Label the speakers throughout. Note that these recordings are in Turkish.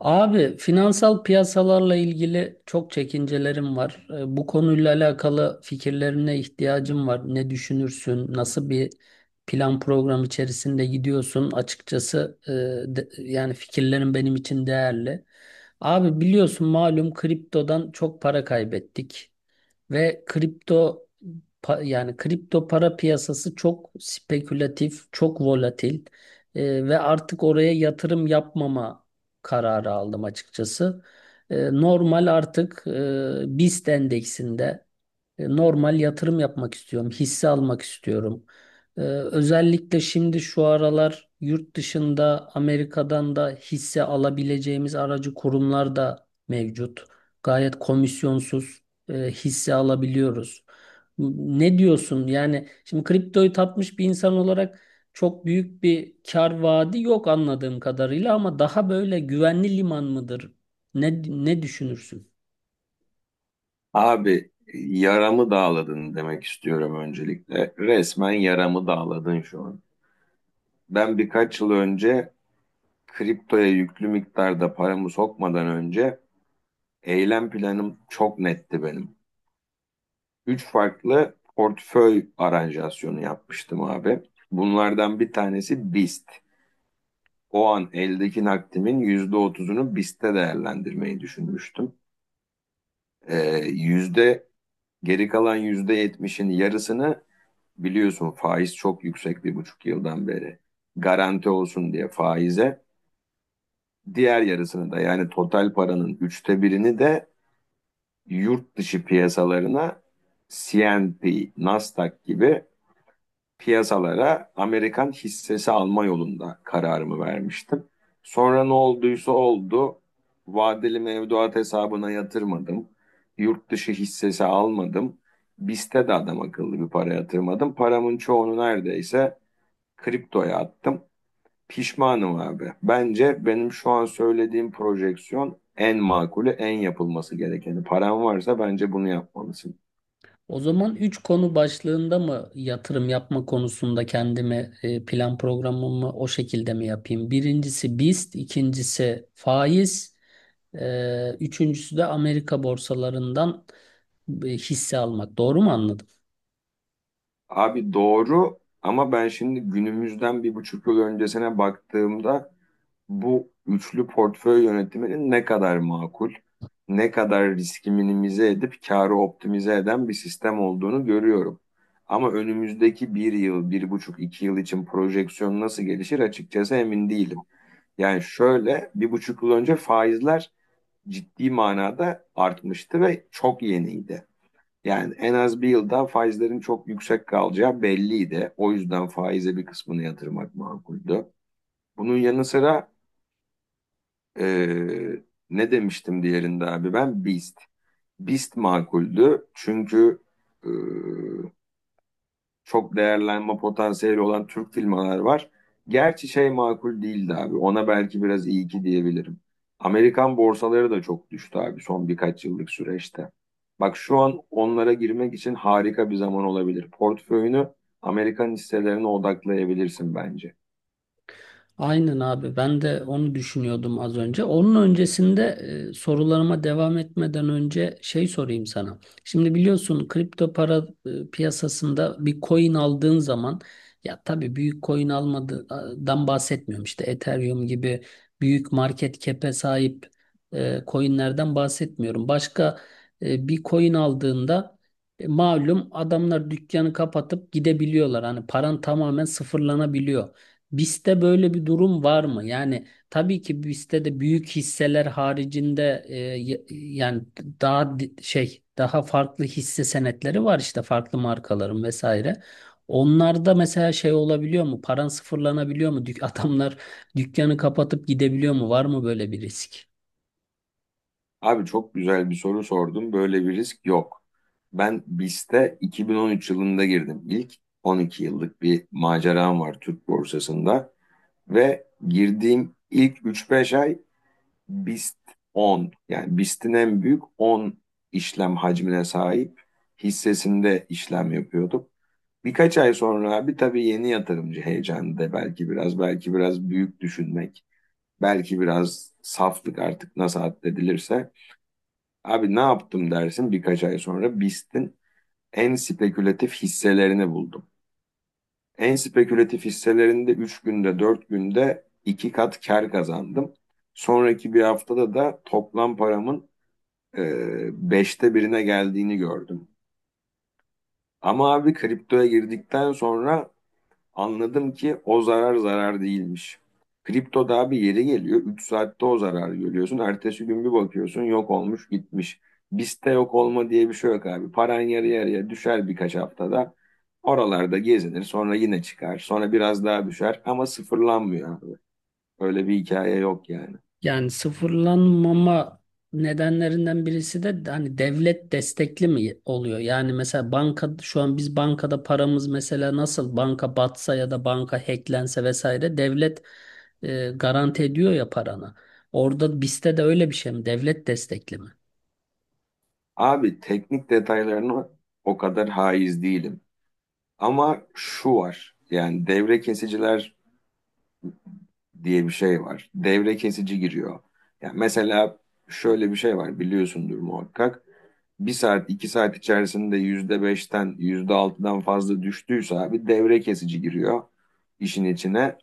Speaker 1: Abi finansal piyasalarla ilgili çok çekincelerim var. Bu konuyla alakalı fikirlerine ihtiyacım var. Ne düşünürsün? Nasıl bir plan program içerisinde gidiyorsun? Açıkçası yani fikirlerin benim için değerli. Abi biliyorsun malum kriptodan çok para kaybettik. Ve kripto yani kripto para piyasası çok spekülatif, çok volatil. Ve artık oraya yatırım yapmama kararı aldım açıkçası. Normal artık BIST endeksinde normal yatırım yapmak istiyorum, hisse almak istiyorum. Özellikle şimdi şu aralar yurt dışında Amerika'dan da hisse alabileceğimiz aracı kurumlar da mevcut. Gayet komisyonsuz hisse alabiliyoruz. Ne diyorsun? Yani şimdi kriptoyu tapmış bir insan olarak çok büyük bir kar vaadi yok anladığım kadarıyla ama daha böyle güvenli liman mıdır? Ne düşünürsün?
Speaker 2: Abi yaramı dağladın demek istiyorum öncelikle. Resmen yaramı dağladın şu an. Ben birkaç yıl önce kriptoya yüklü miktarda paramı sokmadan önce eylem planım çok netti benim. Üç farklı portföy aranjasyonu yapmıştım abi. Bunlardan bir tanesi BIST. O an eldeki nakdimin %30'unu BIST'te değerlendirmeyi düşünmüştüm. Ee, yüzde Geri kalan %70'in yarısını biliyorsun faiz çok yüksek bir buçuk yıldan beri. Garanti olsun diye faize diğer yarısını da yani total paranın üçte birini de yurt dışı piyasalarına CNP, Nasdaq gibi piyasalara Amerikan hissesi alma yolunda kararımı vermiştim. Sonra ne olduysa oldu. Vadeli mevduat hesabına yatırmadım. Yurt dışı hissesi almadım. BIST'e de adam akıllı bir para yatırmadım. Paramın çoğunu neredeyse kriptoya attım. Pişmanım abi. Bence benim şu an söylediğim projeksiyon en makulü, en yapılması gerekeni. Paran varsa bence bunu yapmalısın.
Speaker 1: O zaman 3 konu başlığında mı yatırım yapma konusunda kendime plan programımı o şekilde mi yapayım? Birincisi BIST, ikincisi faiz, üçüncüsü de Amerika borsalarından hisse almak. Doğru mu anladım?
Speaker 2: Abi doğru ama ben şimdi günümüzden bir buçuk yıl öncesine baktığımda bu üçlü portföy yönetiminin ne kadar makul, ne kadar riski minimize edip karı optimize eden bir sistem olduğunu görüyorum. Ama önümüzdeki bir yıl, bir buçuk, iki yıl için projeksiyon nasıl gelişir açıkçası emin değilim. Yani şöyle bir buçuk yıl önce faizler ciddi manada artmıştı ve çok yeniydi. Yani en az bir yıl daha faizlerin çok yüksek kalacağı belliydi. O yüzden faize bir kısmını yatırmak makuldü. Bunun yanı sıra eee, ne demiştim diğerinde abi ben BIST. BIST makuldü çünkü eee, çok değerlenme potansiyeli olan Türk filmleri var. Gerçi şey makul değildi abi. Ona belki biraz iyi ki diyebilirim. Amerikan borsaları da çok düştü abi son birkaç yıllık süreçte. Bak şu an onlara girmek için harika bir zaman olabilir. Portföyünü Amerikan hisselerine odaklayabilirsin bence.
Speaker 1: Aynen abi ben de onu düşünüyordum az önce. Onun öncesinde sorularıma devam etmeden önce şey sorayım sana. Şimdi biliyorsun kripto para piyasasında bir coin aldığın zaman ya tabii büyük coin almadan bahsetmiyorum. İşte Ethereum gibi büyük market cap'e sahip coinlerden bahsetmiyorum. Başka bir coin aldığında malum adamlar dükkanı kapatıp gidebiliyorlar. Hani paran tamamen sıfırlanabiliyor. BIST'te böyle bir durum var mı? Yani tabii ki BIST'te de büyük hisseler haricinde yani daha daha farklı hisse senetleri var işte farklı markaların vesaire. Onlarda mesela şey olabiliyor mu? Paran sıfırlanabiliyor mu? Dük adamlar dükkanı kapatıp gidebiliyor mu? Var mı böyle bir risk?
Speaker 2: Abi çok güzel bir soru sordum. Böyle bir risk yok. Ben BIST'e 2013 yılında girdim. İlk 12 yıllık bir maceram var Türk borsasında. Ve girdiğim ilk üç beş ay BIST 10, yani BIST'in en büyük 10 işlem hacmine sahip hissesinde işlem yapıyorduk. Birkaç ay sonra abi tabii yeni yatırımcı heyecanı da belki biraz büyük düşünmek, belki biraz saflık artık nasıl addedilirse, abi ne yaptım dersin, birkaç ay sonra BIST'in en spekülatif hisselerini buldum. En spekülatif hisselerinde 3 günde 4 günde 2 kat kar kazandım. Sonraki bir haftada da toplam paramın e, 5'te birine geldiğini gördüm. Ama abi kriptoya girdikten sonra anladım ki o zarar zarar değilmiş. Kripto daha bir yeri geliyor. 3 saatte o zararı görüyorsun. Ertesi gün bir bakıyorsun yok olmuş gitmiş. Bizde yok olma diye bir şey yok abi. Paran yarı yarıya düşer birkaç haftada. Oralarda gezinir sonra yine çıkar. Sonra biraz daha düşer ama sıfırlanmıyor abi. Öyle bir hikaye yok yani.
Speaker 1: Yani sıfırlanmama nedenlerinden birisi de hani devlet destekli mi oluyor? Yani mesela banka şu an biz bankada paramız mesela nasıl banka batsa ya da banka hacklense vesaire devlet garanti ediyor ya paranı. Orada bizde de öyle bir şey mi? Devlet destekli mi?
Speaker 2: Abi teknik detaylarına o kadar haiz değilim. Ama şu var, yani devre kesiciler diye bir şey var. Devre kesici giriyor. Yani mesela şöyle bir şey var biliyorsundur muhakkak. Bir saat iki saat içerisinde %5'ten yüzde altıdan fazla düştüyse abi devre kesici giriyor işin içine.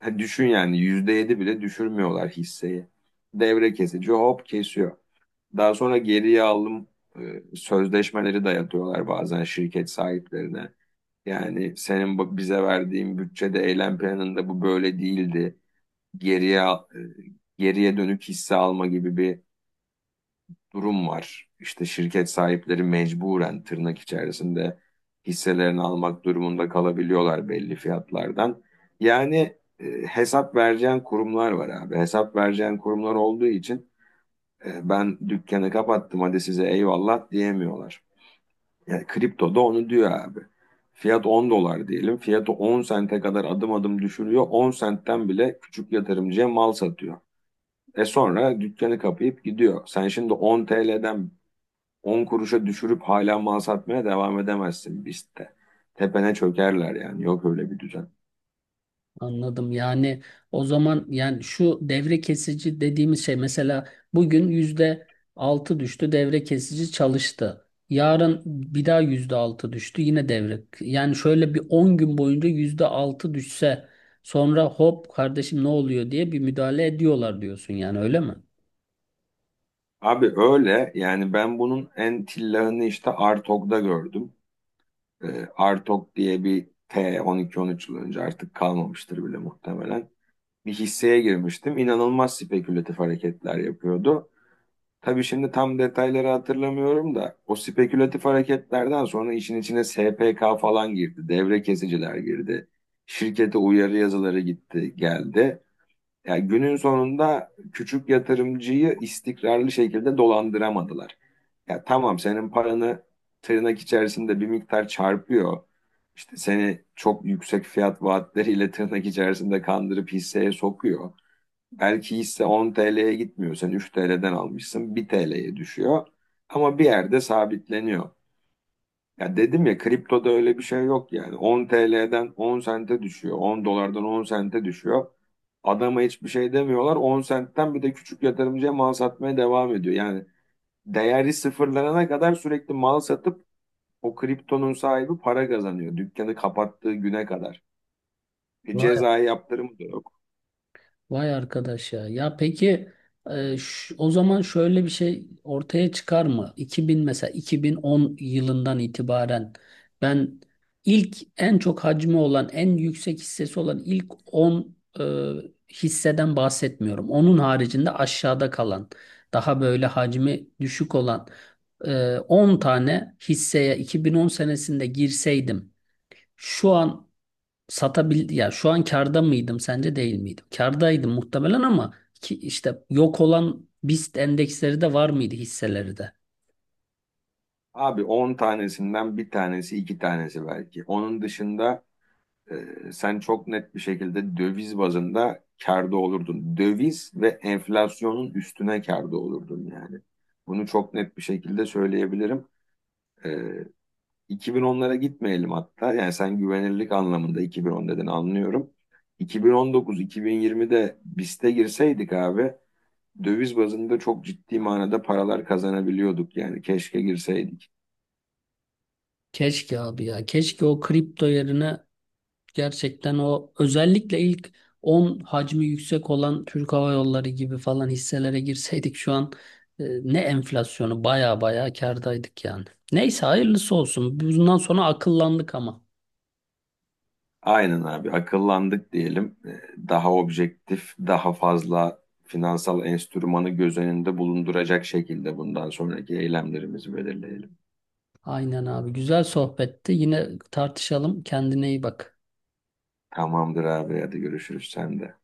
Speaker 2: Ha, düşün yani %7 bile düşürmüyorlar hisseyi. Devre kesici hop kesiyor. Daha sonra geriye alım sözleşmeleri dayatıyorlar bazen şirket sahiplerine. Yani senin bize verdiğin bütçede, eylem planında bu böyle değildi, geriye e, geriye dönük hisse alma gibi bir durum var. İşte şirket sahipleri mecburen tırnak içerisinde hisselerini almak durumunda kalabiliyorlar belli fiyatlardan. Yani hesap vereceğin kurumlar var abi. Hesap vereceğin kurumlar olduğu için ben dükkanı kapattım hadi size eyvallah diyemiyorlar. Yani kripto da onu diyor abi. Fiyat 10 dolar diyelim. Fiyatı 10 sente kadar adım adım düşürüyor. 10 sentten bile küçük yatırımcıya mal satıyor. Sonra dükkanı kapayıp gidiyor. Sen şimdi 10 TL'den 10 kuruşa düşürüp hala mal satmaya devam edemezsin biz de. Tepene çökerler, yani yok öyle bir düzen.
Speaker 1: Anladım. Yani o zaman yani şu devre kesici dediğimiz şey mesela bugün %6 düştü, devre kesici çalıştı. Yarın bir daha %6 düştü yine devre. Yani şöyle bir 10 gün boyunca %6 düşse sonra hop kardeşim ne oluyor diye bir müdahale ediyorlar diyorsun, yani öyle mi?
Speaker 2: Abi öyle yani, ben bunun en tillahını işte Artok'da gördüm. Artok diye bir T 12-13 yıl önce, artık kalmamıştır bile muhtemelen. Bir hisseye girmiştim. İnanılmaz spekülatif hareketler yapıyordu. Tabii şimdi tam detayları hatırlamıyorum da o spekülatif hareketlerden sonra işin içine SPK falan girdi, devre kesiciler girdi, şirkete uyarı yazıları gitti, geldi. Yani günün sonunda küçük yatırımcıyı istikrarlı şekilde dolandıramadılar. Ya tamam, senin paranı tırnak içerisinde bir miktar çarpıyor. İşte seni çok yüksek fiyat vaatleriyle tırnak içerisinde kandırıp hisseye sokuyor. Belki hisse 10 TL'ye gitmiyor. Sen 3 TL'den almışsın 1 TL'ye düşüyor. Ama bir yerde sabitleniyor. Ya dedim ya, kriptoda öyle bir şey yok yani. 10 TL'den 10 sente düşüyor. 10 dolardan 10 sente düşüyor. Adama hiçbir şey demiyorlar. 10 sentten bir de küçük yatırımcıya mal satmaya devam ediyor. Yani değeri sıfırlanana kadar sürekli mal satıp o kriptonun sahibi para kazanıyor. Dükkanı kapattığı güne kadar. Cezai yaptırımı da yok.
Speaker 1: Vay arkadaş ya. Ya peki o zaman şöyle bir şey ortaya çıkar mı? 2000, mesela 2010 yılından itibaren ben ilk en çok hacmi olan, en yüksek hissesi olan ilk 10 hisseden bahsetmiyorum. Onun haricinde aşağıda kalan daha böyle hacmi düşük olan 10 tane hisseye 2010 senesinde girseydim şu an satabildi ya şu an karda mıydım sence, değil miydim? Kardaydım muhtemelen ama ki işte yok olan BIST endeksleri de var mıydı, hisseleri de?
Speaker 2: Abi 10 tanesinden bir tanesi iki tanesi belki. Onun dışında sen çok net bir şekilde döviz bazında kârda olurdun. Döviz ve enflasyonun üstüne kârda olurdun yani. Bunu çok net bir şekilde söyleyebilirim. E, 2010'lara gitmeyelim hatta. Yani sen güvenirlik anlamında 2010 dedin, anlıyorum. 2019-2020'de BIST'e girseydik abi, döviz bazında çok ciddi manada paralar kazanabiliyorduk, yani keşke girseydik.
Speaker 1: Keşke abi ya, keşke o kripto yerine gerçekten o özellikle ilk 10 hacmi yüksek olan Türk Hava Yolları gibi falan hisselere girseydik, şu an e, ne enflasyonu, baya baya kârdaydık yani. Neyse, hayırlısı olsun. Bundan sonra akıllandık ama.
Speaker 2: Aynen abi, akıllandık diyelim. Daha objektif, daha fazla finansal enstrümanı göz önünde bulunduracak şekilde bundan sonraki eylemlerimizi belirleyelim.
Speaker 1: Aynen abi, güzel sohbetti. Yine tartışalım. Kendine iyi bak.
Speaker 2: Tamamdır abi, hadi görüşürüz sen de.